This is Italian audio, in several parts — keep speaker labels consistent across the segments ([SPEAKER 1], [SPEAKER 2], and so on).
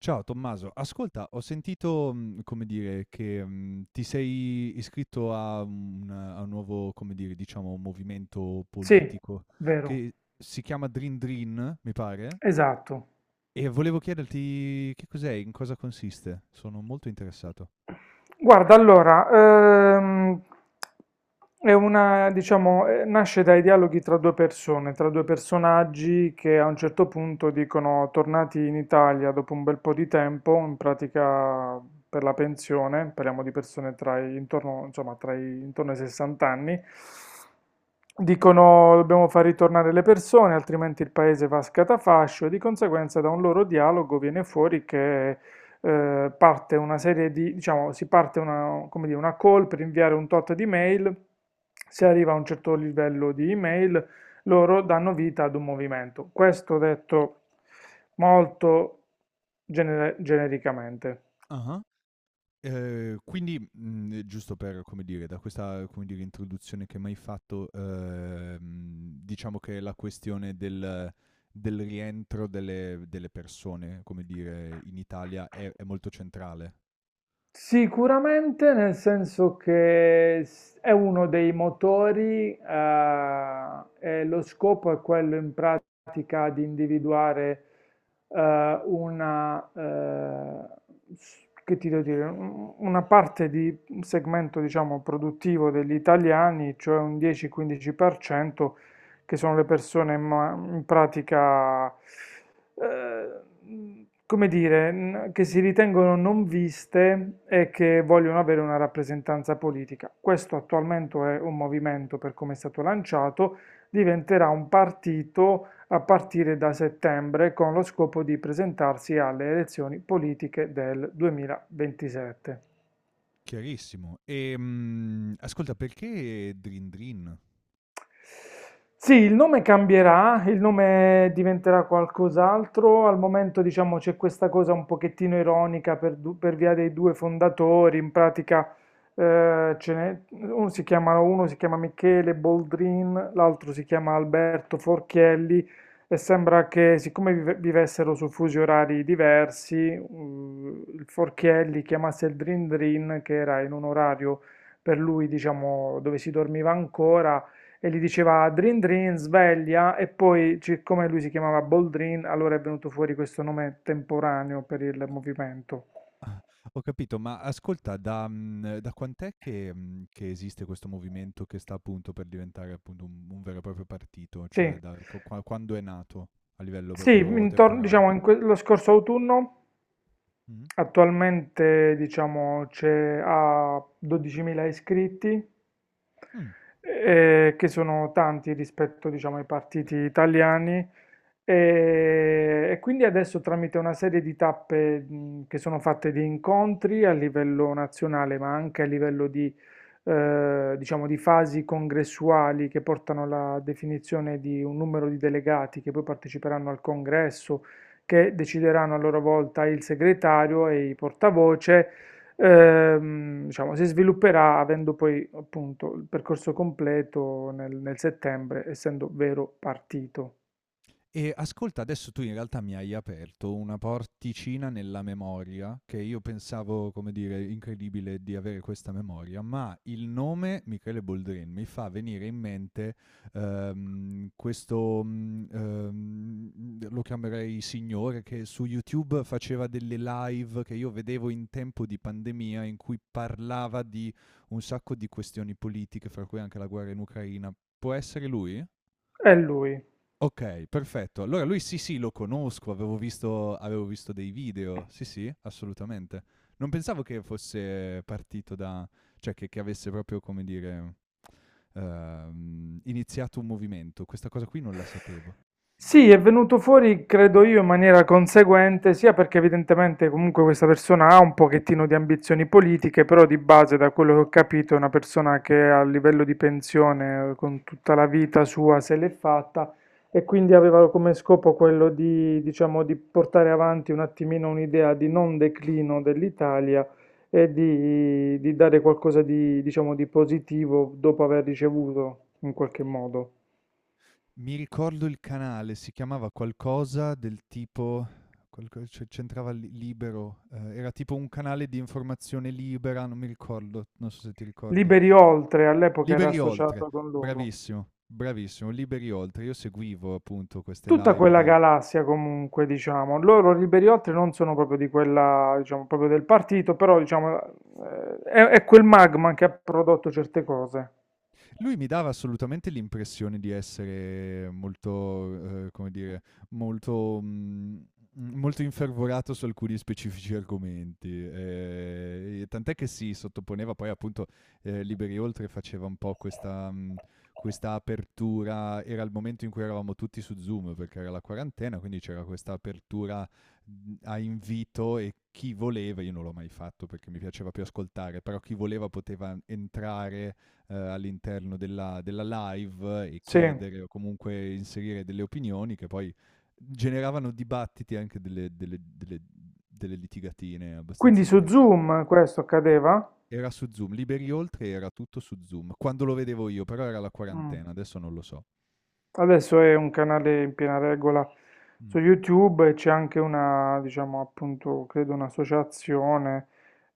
[SPEAKER 1] Ciao Tommaso, ascolta, ho sentito, come dire, che ti sei iscritto a un nuovo, come dire, diciamo, movimento
[SPEAKER 2] Sì,
[SPEAKER 1] politico
[SPEAKER 2] vero,
[SPEAKER 1] che si chiama Dream Dream, mi pare,
[SPEAKER 2] esatto.
[SPEAKER 1] e volevo chiederti che cos'è, in cosa consiste. Sono molto interessato.
[SPEAKER 2] Guarda, allora, ehm, diciamo, nasce dai dialoghi tra due persone, tra due personaggi che a un certo punto dicono, tornati in Italia dopo un bel po' di tempo, in pratica per la pensione, parliamo di persone tra i, intorno, insomma, tra i, intorno ai 60 anni, dicono dobbiamo far ritornare le persone, altrimenti il paese va a scatafascio e di conseguenza da un loro dialogo viene fuori che parte una serie di, diciamo, si parte una, come dire, una call per inviare un tot di mail, si arriva a un certo livello di email, loro danno vita ad un movimento. Questo detto molto genericamente.
[SPEAKER 1] Ah. Quindi, giusto per, come dire, da questa, come dire, introduzione che m'hai fatto, diciamo che la questione del rientro delle persone, come dire, in Italia è molto centrale.
[SPEAKER 2] Sicuramente, nel senso che è uno dei motori, e lo scopo è quello in pratica di individuare eh, una, eh, che ti devo dire, una parte di un segmento, diciamo, produttivo degli italiani, cioè un 10-15% che sono le persone in pratica eh, come dire, che si ritengono non viste e che vogliono avere una rappresentanza politica. Questo attualmente è un movimento per come è stato lanciato, diventerà un partito a partire da settembre con lo scopo di presentarsi alle elezioni politiche del 2027.
[SPEAKER 1] Chiarissimo. Ascolta, perché Drin Drin?
[SPEAKER 2] Sì, il nome cambierà, il nome diventerà qualcos'altro. Al momento, diciamo, c'è questa cosa un pochettino ironica per via dei due fondatori. In pratica, uno si chiama Michele Boldrin, l'altro si chiama Alberto Forchielli. E sembra che, siccome vivessero su fusi orari diversi, il Forchielli chiamasse il Drin Drin, che era in un orario per lui, diciamo, dove si dormiva ancora e gli diceva Drin Drin, sveglia, e poi, siccome lui si chiamava Boldrin, allora è venuto fuori questo nome temporaneo per il movimento.
[SPEAKER 1] Ho capito, ma ascolta, da quant'è che che esiste questo movimento che sta appunto per diventare appunto un vero e proprio partito?
[SPEAKER 2] Sì,
[SPEAKER 1] Cioè da qu qua quando è nato a livello
[SPEAKER 2] sì,
[SPEAKER 1] proprio
[SPEAKER 2] intorno,
[SPEAKER 1] temporale?
[SPEAKER 2] diciamo lo scorso autunno.
[SPEAKER 1] Mh-mh.
[SPEAKER 2] Attualmente, diciamo, c'è ha 12.000 iscritti,
[SPEAKER 1] Mh.
[SPEAKER 2] che sono tanti rispetto, diciamo, ai partiti italiani. E quindi adesso tramite una serie di tappe, che sono fatte di incontri a livello nazionale, ma anche a livello di, diciamo, di fasi congressuali che portano alla definizione di un numero di delegati che poi parteciperanno al congresso che decideranno a loro volta il segretario e i portavoce. Diciamo, si svilupperà avendo poi appunto il percorso completo nel settembre, essendo vero partito.
[SPEAKER 1] E ascolta, adesso tu in realtà mi hai aperto una porticina nella memoria che io pensavo, come dire, incredibile di avere questa memoria, ma il nome Michele Boldrin mi fa venire in mente questo, lo chiamerei signore, che su YouTube faceva delle live che io vedevo in tempo di pandemia in cui parlava di un sacco di questioni politiche, fra cui anche la guerra in Ucraina. Può essere lui?
[SPEAKER 2] È lui.
[SPEAKER 1] Okay, perfetto. Allora lui sì, sì, lo conosco, avevo visto dei video. Sì, sì, assolutamente. Non pensavo che fosse partito da cioè che avesse proprio, come dire, iniziato un movimento. Questa cosa qui non la sapevo.
[SPEAKER 2] Sì, è venuto fuori, credo io, in maniera conseguente, sia perché evidentemente comunque questa persona ha un pochettino di ambizioni politiche, però di base, da quello che ho capito, è una persona che a livello di pensione, con tutta la vita sua, se l'è fatta e quindi aveva come scopo quello di, diciamo, di portare avanti un attimino un'idea di non declino dell'Italia e di, dare qualcosa di, diciamo, di positivo dopo aver ricevuto, in qualche modo.
[SPEAKER 1] Mi ricordo il canale, si chiamava qualcosa del tipo qualco c'e c'entrava Li Libero, era tipo un canale di informazione libera, non mi ricordo, non so se ti ricordi.
[SPEAKER 2] Liberi Oltre all'epoca era
[SPEAKER 1] Liberi Oltre,
[SPEAKER 2] associato con loro.
[SPEAKER 1] bravissimo, bravissimo, Liberi Oltre. Io seguivo appunto queste
[SPEAKER 2] Tutta
[SPEAKER 1] live
[SPEAKER 2] quella
[SPEAKER 1] di.
[SPEAKER 2] galassia comunque, diciamo, loro Liberi Oltre non sono proprio di quella, diciamo, proprio del partito, però diciamo è quel magma che ha prodotto certe cose.
[SPEAKER 1] Lui mi dava assolutamente l'impressione di essere molto, come dire, molto, molto infervorato su alcuni specifici argomenti. E tant'è che si sottoponeva poi appunto Liberi Oltre faceva un po' questa, questa apertura, era il momento in cui eravamo tutti su Zoom perché era la quarantena, quindi c'era questa apertura a invito e chi voleva, io non l'ho mai fatto perché mi piaceva più ascoltare, però chi voleva poteva entrare all'interno della live e
[SPEAKER 2] Sì.
[SPEAKER 1] chiedere o comunque inserire delle opinioni che poi generavano dibattiti e anche delle litigatine abbastanza
[SPEAKER 2] Quindi su
[SPEAKER 1] interessanti.
[SPEAKER 2] Zoom questo accadeva?
[SPEAKER 1] Era su Zoom, Liberi Oltre era tutto su Zoom, quando lo vedevo io, però era la
[SPEAKER 2] Mm.
[SPEAKER 1] quarantena, adesso non lo so.
[SPEAKER 2] Adesso è un canale in piena regola su
[SPEAKER 1] Mm.
[SPEAKER 2] YouTube e c'è anche una, diciamo, appunto, credo un'associazione.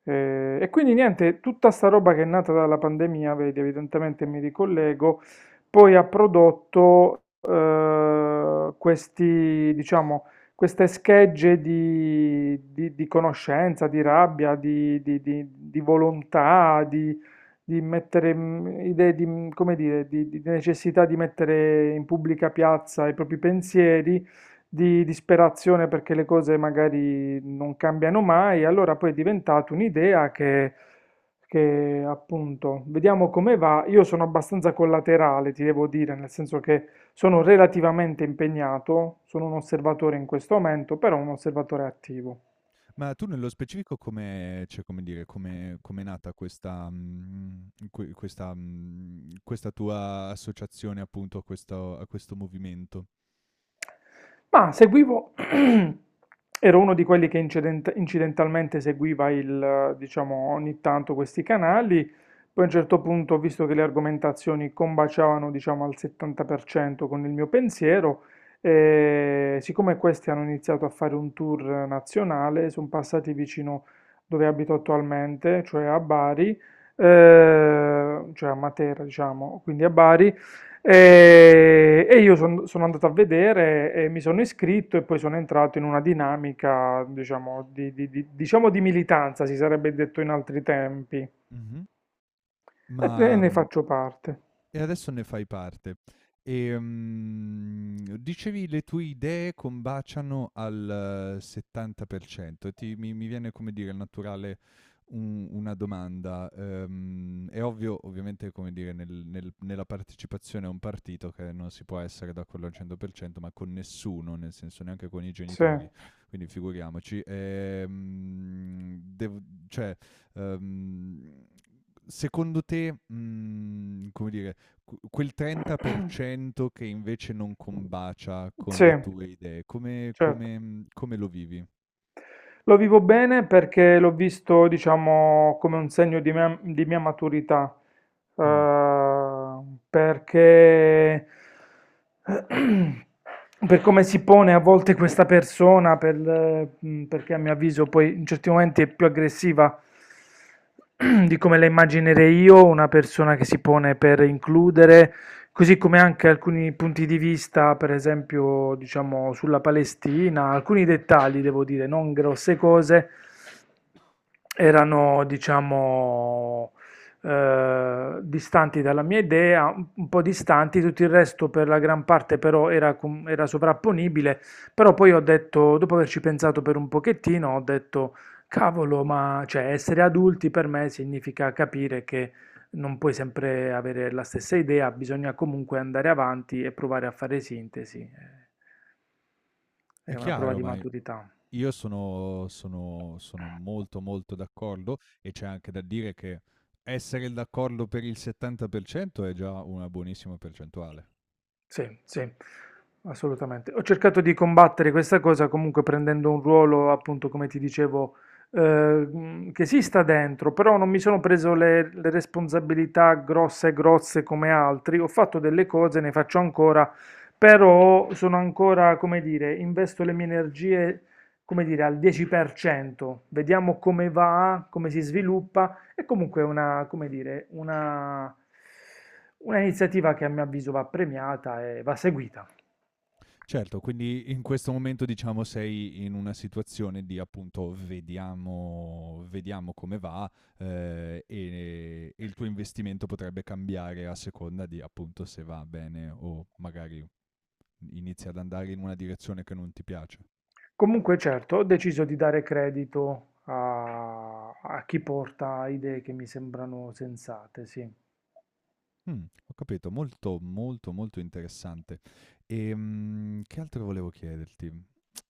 [SPEAKER 2] E quindi niente, tutta sta roba che è nata dalla pandemia, vedi, evidentemente mi ricollego, poi ha prodotto questi, diciamo, queste schegge di, di conoscenza, di rabbia, di, di volontà, di mettere idee di, come dire, di necessità di mettere in pubblica piazza i propri pensieri, di disperazione perché le cose magari non cambiano mai, allora poi è diventata un'idea che appunto vediamo come va. Io sono abbastanza collaterale, ti devo dire, nel senso che sono relativamente impegnato, sono un osservatore in questo momento, però un osservatore attivo.
[SPEAKER 1] Ma tu nello specifico come, cioè, come dire, come è nata questa, questa, questa tua associazione appunto a questo movimento?
[SPEAKER 2] Ma seguivo, ero uno di quelli che incidentalmente seguiva il, diciamo, ogni tanto questi canali, poi a un certo punto ho visto che le argomentazioni combaciavano, diciamo, al 70% con il mio pensiero e siccome questi hanno iniziato a fare un tour nazionale, sono passati vicino dove abito attualmente, cioè a Bari, cioè a Matera, diciamo, quindi a Bari, e io sono andato a vedere e mi sono iscritto e poi sono entrato in una dinamica, diciamo, di, diciamo di militanza, si sarebbe detto in altri tempi,
[SPEAKER 1] Mhm.
[SPEAKER 2] e
[SPEAKER 1] Ma
[SPEAKER 2] ne
[SPEAKER 1] mm,
[SPEAKER 2] faccio parte.
[SPEAKER 1] E adesso ne fai parte. Dicevi le tue idee combaciano al 70%. E ti mi mi viene, come dire, naturale un una domanda. È ovvio, ovviamente, come dire, nella partecipazione a un partito che non si può essere d'accordo al 100%, ma con nessuno, nel senso neanche con i
[SPEAKER 2] Sì,
[SPEAKER 1] genitori, quindi figuriamoci. Dev cioè, ehm, secondo te, come dire, quel 30% che invece non combacia con
[SPEAKER 2] sì,
[SPEAKER 1] le tue idee,
[SPEAKER 2] certo.
[SPEAKER 1] come lo vivi?
[SPEAKER 2] Lo vivo bene perché l'ho visto, diciamo, come un segno di mia maturità,
[SPEAKER 1] Mm.
[SPEAKER 2] eh, perché per come si pone a volte questa persona, per, perché a mio avviso poi in certi momenti è più aggressiva di come la immaginerei io, una persona che si pone per includere. Così come anche alcuni punti di vista, per esempio, diciamo sulla Palestina, alcuni dettagli, devo dire, non grosse cose, erano, diciamo, distanti dalla mia idea, un po' distanti, tutto il resto per la gran parte però era, era sovrapponibile, però poi ho detto, dopo averci pensato per un pochettino, ho detto, cavolo, ma cioè, essere adulti per me significa capire che non puoi sempre avere la stessa idea, bisogna comunque andare avanti e provare a fare sintesi. È
[SPEAKER 1] È
[SPEAKER 2] una prova
[SPEAKER 1] chiaro,
[SPEAKER 2] di
[SPEAKER 1] ma
[SPEAKER 2] maturità.
[SPEAKER 1] io sono molto molto d'accordo e c'è anche da dire che essere d'accordo per il 70% è già una buonissima percentuale.
[SPEAKER 2] Sì, sì, assolutamente. Ho cercato di combattere questa cosa comunque prendendo un ruolo, appunto, come ti dicevo, che si sta dentro, però non mi sono preso le responsabilità grosse e grosse come altri. Ho fatto delle cose, ne faccio ancora, però sono ancora, come dire, investo le mie energie, come dire, al 10%. Vediamo come va, come si sviluppa. È comunque una, come dire, una iniziativa che a mio avviso va premiata e va seguita.
[SPEAKER 1] Certo, quindi in questo momento diciamo sei in una situazione di appunto vediamo, vediamo come va, e il tuo investimento potrebbe cambiare a seconda di appunto se va bene o magari inizia ad andare in una direzione che non ti piace.
[SPEAKER 2] Comunque, certo, ho deciso di dare credito a, a chi porta idee che mi sembrano sensate, sì.
[SPEAKER 1] Mh, ho capito, molto, molto, molto interessante. Che altro volevo chiederti?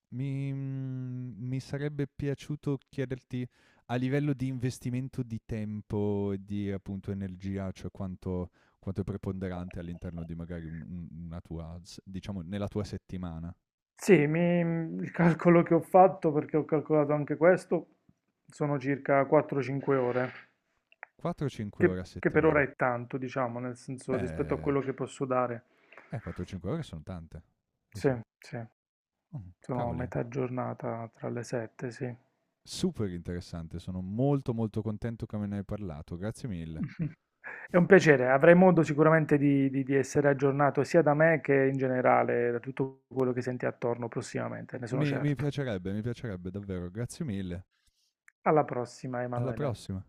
[SPEAKER 1] Mi sarebbe piaciuto chiederti a livello di investimento di tempo e di, appunto, energia, cioè quanto è preponderante all'interno di magari un una tua s diciamo nella tua settimana.
[SPEAKER 2] Sì, il calcolo che ho fatto, perché ho calcolato anche questo, sono circa 4-5 ore,
[SPEAKER 1] 4 o 5 ore a
[SPEAKER 2] che per ora
[SPEAKER 1] settimana?
[SPEAKER 2] è tanto, diciamo, nel senso rispetto a
[SPEAKER 1] Beh,
[SPEAKER 2] quello che posso dare.
[SPEAKER 1] 4 o 5 ore son tante. Sì,
[SPEAKER 2] Sì,
[SPEAKER 1] sì.
[SPEAKER 2] sì.
[SPEAKER 1] Mh,
[SPEAKER 2] Sono a
[SPEAKER 1] cavoli,
[SPEAKER 2] metà giornata tra le sette, sì.
[SPEAKER 1] super interessante. Sono molto, molto contento che me ne hai parlato. Grazie mille.
[SPEAKER 2] È un piacere, avrai modo sicuramente di, di essere aggiornato sia da me che in generale da tutto quello che senti attorno prossimamente, ne sono
[SPEAKER 1] Mi
[SPEAKER 2] certo.
[SPEAKER 1] piacerebbe, mi piacerebbe davvero. Grazie mille.
[SPEAKER 2] Alla prossima,
[SPEAKER 1] Alla
[SPEAKER 2] Emanuele.
[SPEAKER 1] prossima.